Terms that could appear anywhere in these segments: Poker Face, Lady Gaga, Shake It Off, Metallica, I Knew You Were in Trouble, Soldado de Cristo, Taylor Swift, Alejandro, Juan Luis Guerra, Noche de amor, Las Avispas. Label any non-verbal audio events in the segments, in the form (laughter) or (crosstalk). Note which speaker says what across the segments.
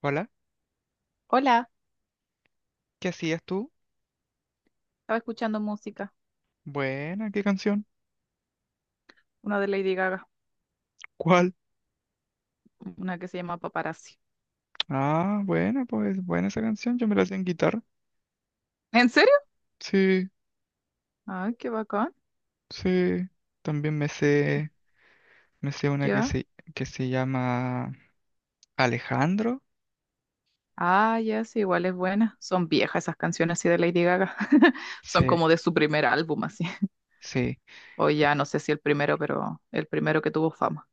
Speaker 1: Hola,
Speaker 2: Hola,
Speaker 1: ¿qué hacías tú?
Speaker 2: estaba escuchando música,
Speaker 1: Buena, ¿qué canción?
Speaker 2: una de Lady Gaga,
Speaker 1: ¿Cuál?
Speaker 2: una que se llama Paparazzi.
Speaker 1: Ah, buena, pues buena esa canción, yo me la hacía en guitarra.
Speaker 2: (laughs) ¿En serio?
Speaker 1: Sí,
Speaker 2: Ay, qué bacán.
Speaker 1: sí. También me
Speaker 2: Ya.
Speaker 1: sé, me sé una que
Speaker 2: Ya.
Speaker 1: se, que se llama Alejandro.
Speaker 2: Ah, ya, sí, igual es buena. Son viejas esas canciones así de Lady Gaga. (laughs) Son
Speaker 1: Sí,
Speaker 2: como de su primer álbum así.
Speaker 1: sí.
Speaker 2: O ya, no sé si el primero, pero el primero que tuvo fama.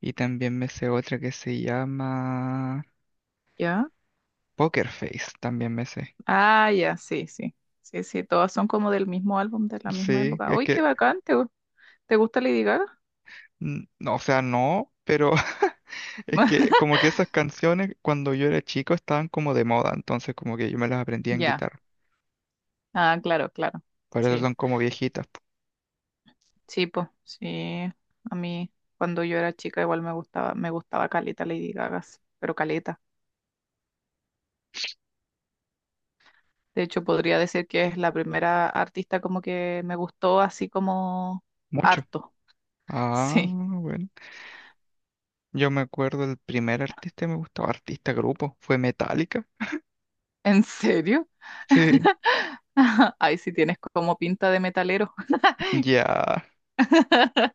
Speaker 1: Y también me sé otra que se llama
Speaker 2: ¿Ya?
Speaker 1: Poker Face, también me sé.
Speaker 2: Ah, ya, sí, sí. Sí, sí, todas son como del mismo álbum, de la misma
Speaker 1: Sí,
Speaker 2: época.
Speaker 1: es
Speaker 2: Uy, qué
Speaker 1: que,
Speaker 2: bacán. ¿Te gusta Lady Gaga?
Speaker 1: no, o sea, no, pero (laughs) es que
Speaker 2: (laughs)
Speaker 1: como que esas canciones cuando yo era chico estaban como de moda, entonces como que yo me las aprendía en
Speaker 2: Ya.
Speaker 1: guitarra.
Speaker 2: Ah, claro, claro.
Speaker 1: Por eso
Speaker 2: Sí.
Speaker 1: son como viejitas. Po.
Speaker 2: Sí, pues, sí. A mí, cuando yo era chica, igual me gustaba caleta Lady Gaga, sí, pero caleta. De hecho, podría decir que es la primera artista como que me gustó así como
Speaker 1: Mucho.
Speaker 2: harto. (laughs)
Speaker 1: Ah,
Speaker 2: Sí,
Speaker 1: bueno. Yo me acuerdo el primer artista que me gustaba, artista grupo, fue Metallica.
Speaker 2: ¿en serio?
Speaker 1: Sí,
Speaker 2: (laughs) Ahí sí tienes como pinta de metalero.
Speaker 1: ya,
Speaker 2: (laughs)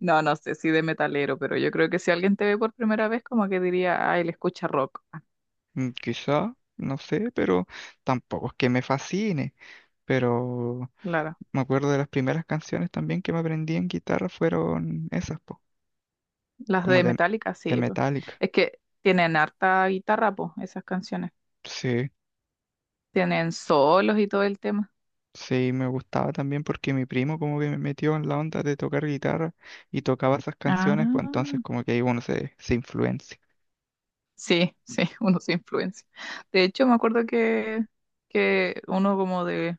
Speaker 2: No, no sé si de metalero, pero yo creo que si alguien te ve por primera vez, como que diría, ah, él escucha rock.
Speaker 1: quizá, no sé, pero tampoco es que me fascine. Pero
Speaker 2: Claro.
Speaker 1: me acuerdo de las primeras canciones también que me aprendí en guitarra fueron esas, po,
Speaker 2: Las
Speaker 1: como
Speaker 2: de
Speaker 1: de,
Speaker 2: Metallica,
Speaker 1: de
Speaker 2: sí, po.
Speaker 1: Metallica.
Speaker 2: Es que tienen harta guitarra, pues, esas canciones.
Speaker 1: Sí,
Speaker 2: Tienen solos y todo el tema.
Speaker 1: sí, me gustaba también porque mi primo como que me metió en la onda de tocar guitarra y tocaba esas canciones, pues entonces
Speaker 2: Ah,
Speaker 1: como que ahí uno se influencia.
Speaker 2: sí, sí, (laughs) uno se influencia. De hecho, me acuerdo que uno como de,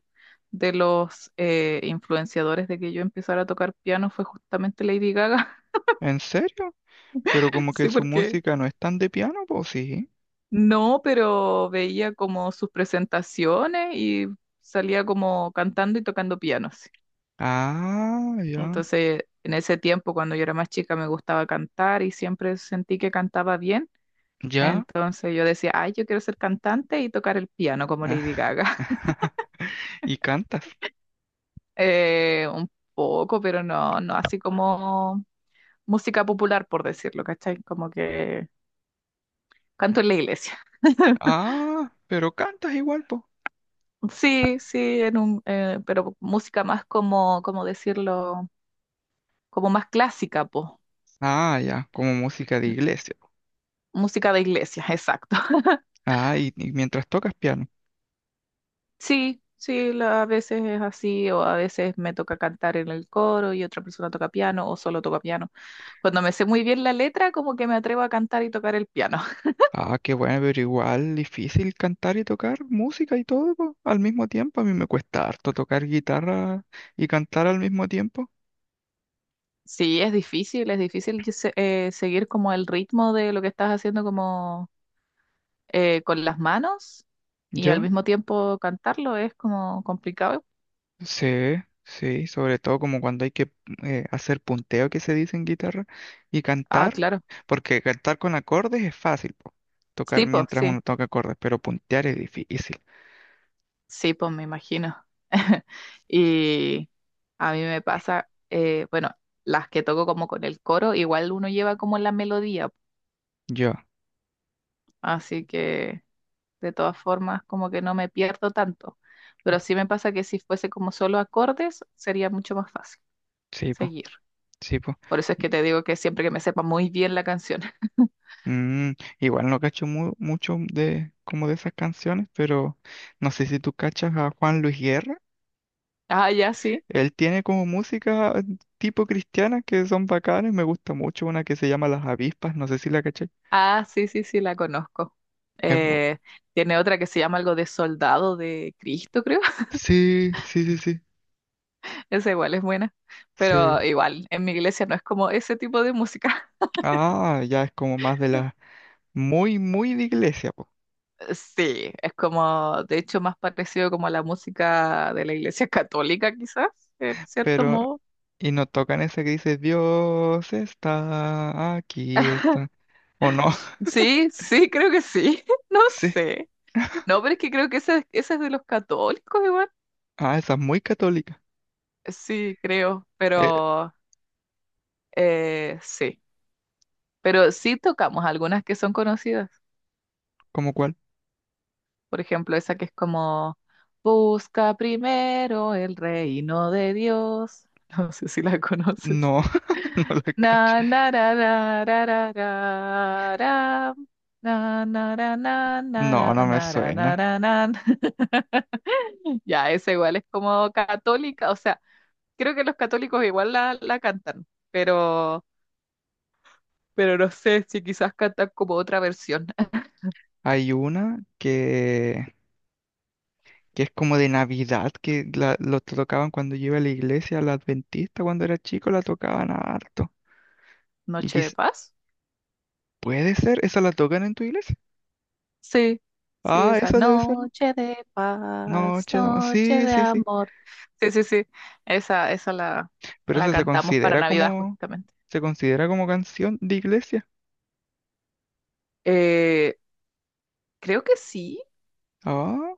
Speaker 2: de los influenciadores de que yo empezara a tocar piano fue justamente Lady Gaga. (laughs)
Speaker 1: ¿En serio? Pero como que
Speaker 2: Sí,
Speaker 1: su
Speaker 2: porque
Speaker 1: música no es tan de piano, pues sí.
Speaker 2: no, pero veía como sus presentaciones y salía como cantando y tocando piano. Sí.
Speaker 1: Ah, ya.
Speaker 2: Entonces, en ese tiempo, cuando yo era más chica, me gustaba cantar y siempre sentí que cantaba bien.
Speaker 1: Ya.
Speaker 2: Entonces yo decía, ay, yo quiero ser cantante y tocar el piano como Lady
Speaker 1: Ah,
Speaker 2: Gaga. (laughs)
Speaker 1: (laughs) Y cantas.
Speaker 2: Un poco, pero no, no así como música popular, por decirlo, ¿cachai? Como que canto en la iglesia. (laughs)
Speaker 1: Ah, pero cantas igual, pues.
Speaker 2: Sí, sí, pero música más como, como decirlo, como más clásica, pues.
Speaker 1: Ah, ya, como música de iglesia.
Speaker 2: Música de iglesia, (laughs) exacto.
Speaker 1: Ah, y mientras tocas piano.
Speaker 2: Sí, sí, a veces es así, o a veces me toca cantar en el coro y otra persona toca piano, o solo toca piano. Cuando me sé muy bien la letra, como que me atrevo a cantar y tocar el piano. (laughs)
Speaker 1: Ah, qué bueno, pero igual difícil cantar y tocar música y todo, po, al mismo tiempo. A mí me cuesta harto tocar guitarra y cantar al mismo tiempo.
Speaker 2: Sí, es difícil que seguir como el ritmo de lo que estás haciendo como con las manos y al
Speaker 1: ¿Ya?
Speaker 2: mismo tiempo cantarlo es como complicado.
Speaker 1: Sí, sí, sobre todo como cuando hay que hacer punteo que se dice en guitarra y
Speaker 2: Ah,
Speaker 1: cantar,
Speaker 2: claro.
Speaker 1: porque cantar con acordes es fácil, po, tocar
Speaker 2: Sí, pues,
Speaker 1: mientras
Speaker 2: sí.
Speaker 1: uno toca acordes, pero puntear es difícil.
Speaker 2: Sí, pues me imagino. (laughs) Y a mí me pasa, bueno, las que toco como con el coro, igual uno lleva como la melodía,
Speaker 1: Yo,
Speaker 2: así que de todas formas como que no me pierdo tanto. Pero sí me pasa que si fuese como solo acordes, sería mucho más fácil
Speaker 1: sí, po,
Speaker 2: seguir.
Speaker 1: sí, po.
Speaker 2: Por eso es que te digo que siempre que me sepa muy bien la canción. (laughs)
Speaker 1: Mm, Igual no cacho mucho de como de esas canciones, pero no sé si tú cachas a Juan Luis Guerra.
Speaker 2: Ah, ya, sí.
Speaker 1: Él tiene como música tipo cristiana que son bacanas, me gusta mucho una que se llama Las Avispas, no sé si la caché.
Speaker 2: Ah, sí, sí, sí, la conozco. Eh, Tiene otra que se llama algo de Soldado de Cristo, creo.
Speaker 1: Sí, sí, sí, sí,
Speaker 2: Esa igual es buena,
Speaker 1: sí.
Speaker 2: pero igual, en mi iglesia no es como ese tipo de música. (laughs)
Speaker 1: Ah, ya es como más de la muy, muy de iglesia, po.
Speaker 2: Sí, es como, de hecho, más parecido como a la música de la iglesia (laughs) católica, quizás, en cierto
Speaker 1: Pero,
Speaker 2: modo.
Speaker 1: y no tocan esa que dice, Dios está, aquí está. ¿O no? (laughs)
Speaker 2: Sí, sí, creo que sí, (laughs) no
Speaker 1: Sí.
Speaker 2: sé. No, pero es que creo que esa es de los católicos igual.
Speaker 1: Ah, esa es muy católica.
Speaker 2: Sí, creo,
Speaker 1: Eh,
Speaker 2: pero sí. Pero sí tocamos algunas que son conocidas.
Speaker 1: ¿Cómo cuál?
Speaker 2: Por ejemplo, esa que es como, busca primero el reino de Dios. (laughs) No sé si la conoces.
Speaker 1: No, (laughs) no la cacho.
Speaker 2: Na, na, ra, ra, ra, ra, ra, ra. Na, na, ra, na, na,
Speaker 1: No,
Speaker 2: ra,
Speaker 1: no me
Speaker 2: na, ra, na,
Speaker 1: suena.
Speaker 2: ra, na. (laughs) Ya, esa igual es como católica, o sea, creo que los católicos igual la cantan, pero, no sé si quizás cantan como otra versión. (laughs)
Speaker 1: Hay una que es como de Navidad, que la, lo tocaban cuando yo iba a la iglesia, la adventista, cuando era chico la tocaban harto. Y
Speaker 2: Noche de
Speaker 1: quiz-
Speaker 2: paz.
Speaker 1: ¿Puede ser? ¿Esa la tocan en tu iglesia?
Speaker 2: Sí, sí,
Speaker 1: Ah,
Speaker 2: esa
Speaker 1: esa debe ser.
Speaker 2: noche de paz,
Speaker 1: Noche de amor.
Speaker 2: noche
Speaker 1: Sí,
Speaker 2: de
Speaker 1: sí, sí.
Speaker 2: amor. Sí, sí, sí, esa la,
Speaker 1: Pero
Speaker 2: la
Speaker 1: esa se
Speaker 2: cantamos para
Speaker 1: considera
Speaker 2: Navidad
Speaker 1: como,
Speaker 2: justamente.
Speaker 1: se considera como canción de iglesia.
Speaker 2: Eh, Creo que sí,
Speaker 1: Ah,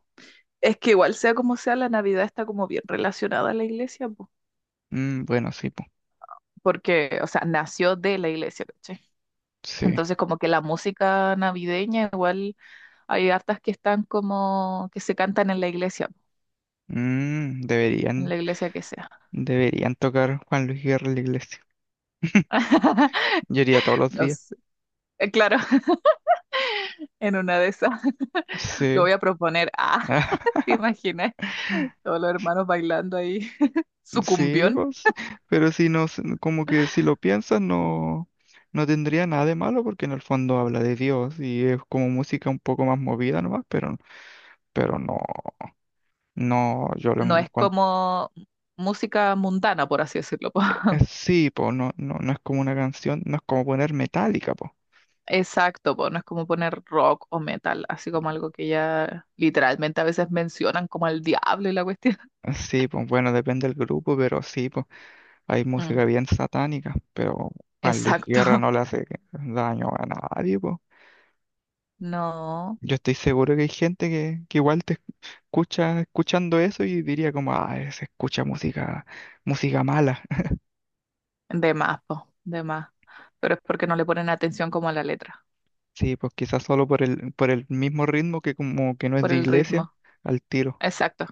Speaker 2: es que igual sea como sea, la Navidad está como bien relacionada a la iglesia, po,
Speaker 1: mm, bueno, sí, po.
Speaker 2: porque, o sea, nació de la iglesia, ¿cachai?
Speaker 1: Sí.
Speaker 2: Entonces como que la música navideña igual hay hartas que están como que se cantan en la iglesia, po,
Speaker 1: Mm,
Speaker 2: en
Speaker 1: deberían,
Speaker 2: la iglesia que sea.
Speaker 1: deberían tocar Juan Luis Guerra en la iglesia. (laughs)
Speaker 2: (laughs)
Speaker 1: Yo iría todos los
Speaker 2: No
Speaker 1: días.
Speaker 2: sé, claro, (laughs) en una de esas. Lo
Speaker 1: Sí.
Speaker 2: voy a proponer. Ah, (laughs) ¿te
Speaker 1: (laughs)
Speaker 2: imaginas? Todos los hermanos bailando ahí. (laughs)
Speaker 1: Sí,
Speaker 2: Sucumbión.
Speaker 1: pues, sí. Pero si no, como que si lo piensas, no, no tendría nada de malo porque en el fondo habla de Dios y es como música un poco más movida nomás, pero no, no, yo lo
Speaker 2: No es
Speaker 1: encuentro.
Speaker 2: como música mundana, por así decirlo, po. (laughs)
Speaker 1: Sí, po, no, no, no es como una canción, no es como poner metálica, po.
Speaker 2: Exacto, po. No es como poner rock o metal, así como algo que ya literalmente a veces mencionan como el diablo y la cuestión.
Speaker 1: Sí, pues bueno, depende del grupo, pero sí, pues hay
Speaker 2: Mm,
Speaker 1: música bien satánica, pero Juan Luis
Speaker 2: exacto.
Speaker 1: Guerra
Speaker 2: (laughs)
Speaker 1: no le hace daño a nadie, pues.
Speaker 2: No.
Speaker 1: Yo estoy seguro que hay gente que igual te escucha escuchando eso y diría como, ah, se escucha música, música mala. (laughs)
Speaker 2: De más, po. De más. Pero es porque no le ponen atención como a la letra,
Speaker 1: Sí, pues quizás solo por el, mismo ritmo que como que no es
Speaker 2: por
Speaker 1: de
Speaker 2: el
Speaker 1: iglesia,
Speaker 2: ritmo.
Speaker 1: al tiro.
Speaker 2: Exacto,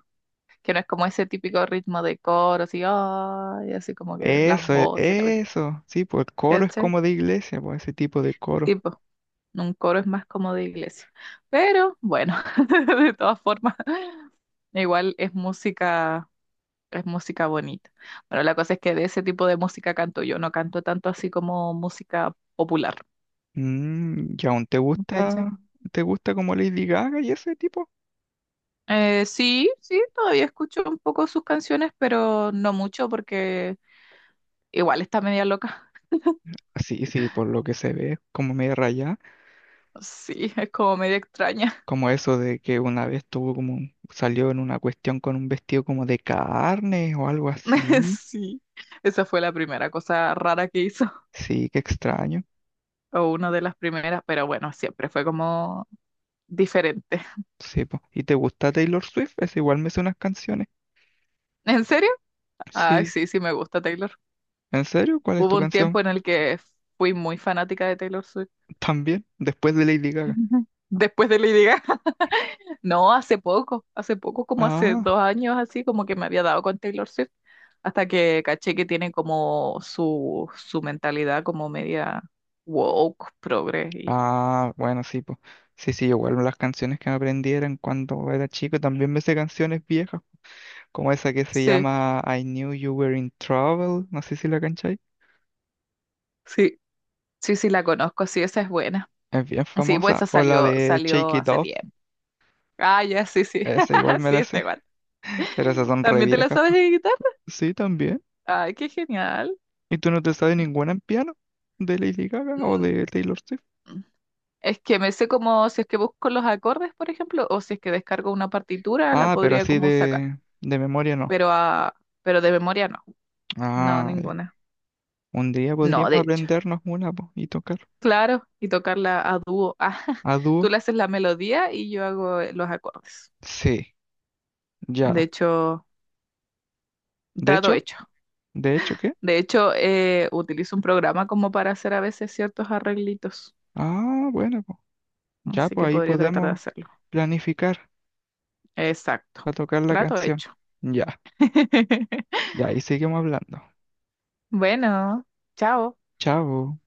Speaker 2: que no es como ese típico ritmo de coro, así, "Ay", así como que las
Speaker 1: Eso, e-
Speaker 2: voces, la cuestión.
Speaker 1: eso, sí, pues el coro es
Speaker 2: ¿Cachai?
Speaker 1: como de iglesia, pues ese tipo de coro.
Speaker 2: Tipo, un coro es más como de iglesia. Pero bueno, (laughs) de todas formas, (laughs) igual es música bonita. Bueno, la cosa es que de ese tipo de música canto yo, no canto tanto así como música popular,
Speaker 1: ¿Y aún te
Speaker 2: ¿cachai?
Speaker 1: gusta, te gusta como Lady Gaga y ese tipo?
Speaker 2: Sí, sí, todavía escucho un poco sus canciones, pero no mucho porque igual está media loca. (laughs)
Speaker 1: Sí, sí, por lo que se ve, como medio rayada,
Speaker 2: Sí, es como media extraña.
Speaker 1: como eso de que una vez tuvo como, salió en una cuestión con un vestido como de carne o algo
Speaker 2: (laughs)
Speaker 1: así.
Speaker 2: Sí, esa fue la primera cosa rara que hizo,
Speaker 1: Sí, qué extraño.
Speaker 2: o una de las primeras, pero bueno, siempre fue como diferente. (laughs)
Speaker 1: Sí, po. ¿Y te gusta Taylor Swift? Es igual me sé unas canciones.
Speaker 2: ¿En serio? Ay,
Speaker 1: Sí.
Speaker 2: sí, sí me gusta Taylor.
Speaker 1: ¿En serio? ¿Cuál es tu
Speaker 2: Hubo un
Speaker 1: canción?
Speaker 2: tiempo en el que fui muy fanática de Taylor Swift.
Speaker 1: También, después de Lady Gaga.
Speaker 2: (laughs) Después de Lady Gaga. (laughs) No, hace poco, como hace
Speaker 1: Ah,
Speaker 2: 2 años así, como que me había dado con Taylor Swift, hasta que caché que tiene como su mentalidad como media woke, progre. Y...
Speaker 1: ah, bueno, sí, pues. Sí, sí, igual las canciones que me aprendí eran cuando era chico, también me sé canciones viejas, como esa que se
Speaker 2: Sí,
Speaker 1: llama I Knew You Were in Trouble, no sé si la cancháis,
Speaker 2: sí, sí, sí, la conozco, sí, esa es buena.
Speaker 1: es bien
Speaker 2: Sí, pues
Speaker 1: famosa,
Speaker 2: esa
Speaker 1: o la
Speaker 2: salió,
Speaker 1: de Shake
Speaker 2: salió
Speaker 1: It
Speaker 2: hace
Speaker 1: Off,
Speaker 2: tiempo. Ah, ya, sí, sí.
Speaker 1: esa igual
Speaker 2: (laughs)
Speaker 1: me
Speaker 2: Sí,
Speaker 1: la
Speaker 2: está
Speaker 1: sé,
Speaker 2: igual.
Speaker 1: (laughs) pero esas son re
Speaker 2: ¿También te la
Speaker 1: viejas,
Speaker 2: sabes
Speaker 1: po.
Speaker 2: de guitarra?
Speaker 1: Sí, también.
Speaker 2: Ay, qué genial.
Speaker 1: ¿Y tú no te sabes ninguna en piano? ¿De Lady Gaga o
Speaker 2: Mm,
Speaker 1: de Taylor Swift?
Speaker 2: Es que me sé como si es que busco los acordes, por ejemplo, o si es que descargo una partitura, la
Speaker 1: Ah, pero
Speaker 2: podría
Speaker 1: así
Speaker 2: como sacar.
Speaker 1: de memoria no.
Speaker 2: Pero ah, pero de memoria no. No,
Speaker 1: Ah, ya.
Speaker 2: ninguna.
Speaker 1: Un día
Speaker 2: No, de
Speaker 1: podríamos
Speaker 2: hecho.
Speaker 1: aprendernos una, po, y tocar
Speaker 2: Claro, y tocarla a dúo. (laughs) Ah,
Speaker 1: a
Speaker 2: tú
Speaker 1: dúo.
Speaker 2: le haces la melodía y yo hago los acordes.
Speaker 1: Sí,
Speaker 2: De
Speaker 1: ya.
Speaker 2: hecho,
Speaker 1: De
Speaker 2: trato
Speaker 1: hecho,
Speaker 2: hecho.
Speaker 1: de hecho, ¿qué?
Speaker 2: De hecho, utilizo un programa como para hacer a veces ciertos arreglitos.
Speaker 1: Ah, bueno, po. Ya,
Speaker 2: Así
Speaker 1: pues
Speaker 2: que
Speaker 1: ahí
Speaker 2: podría tratar de
Speaker 1: podemos
Speaker 2: hacerlo.
Speaker 1: planificar
Speaker 2: Exacto.
Speaker 1: para tocar la
Speaker 2: Trato
Speaker 1: canción.
Speaker 2: hecho.
Speaker 1: Ya.
Speaker 2: (laughs)
Speaker 1: Ya ahí seguimos hablando.
Speaker 2: Bueno, chao.
Speaker 1: Chao.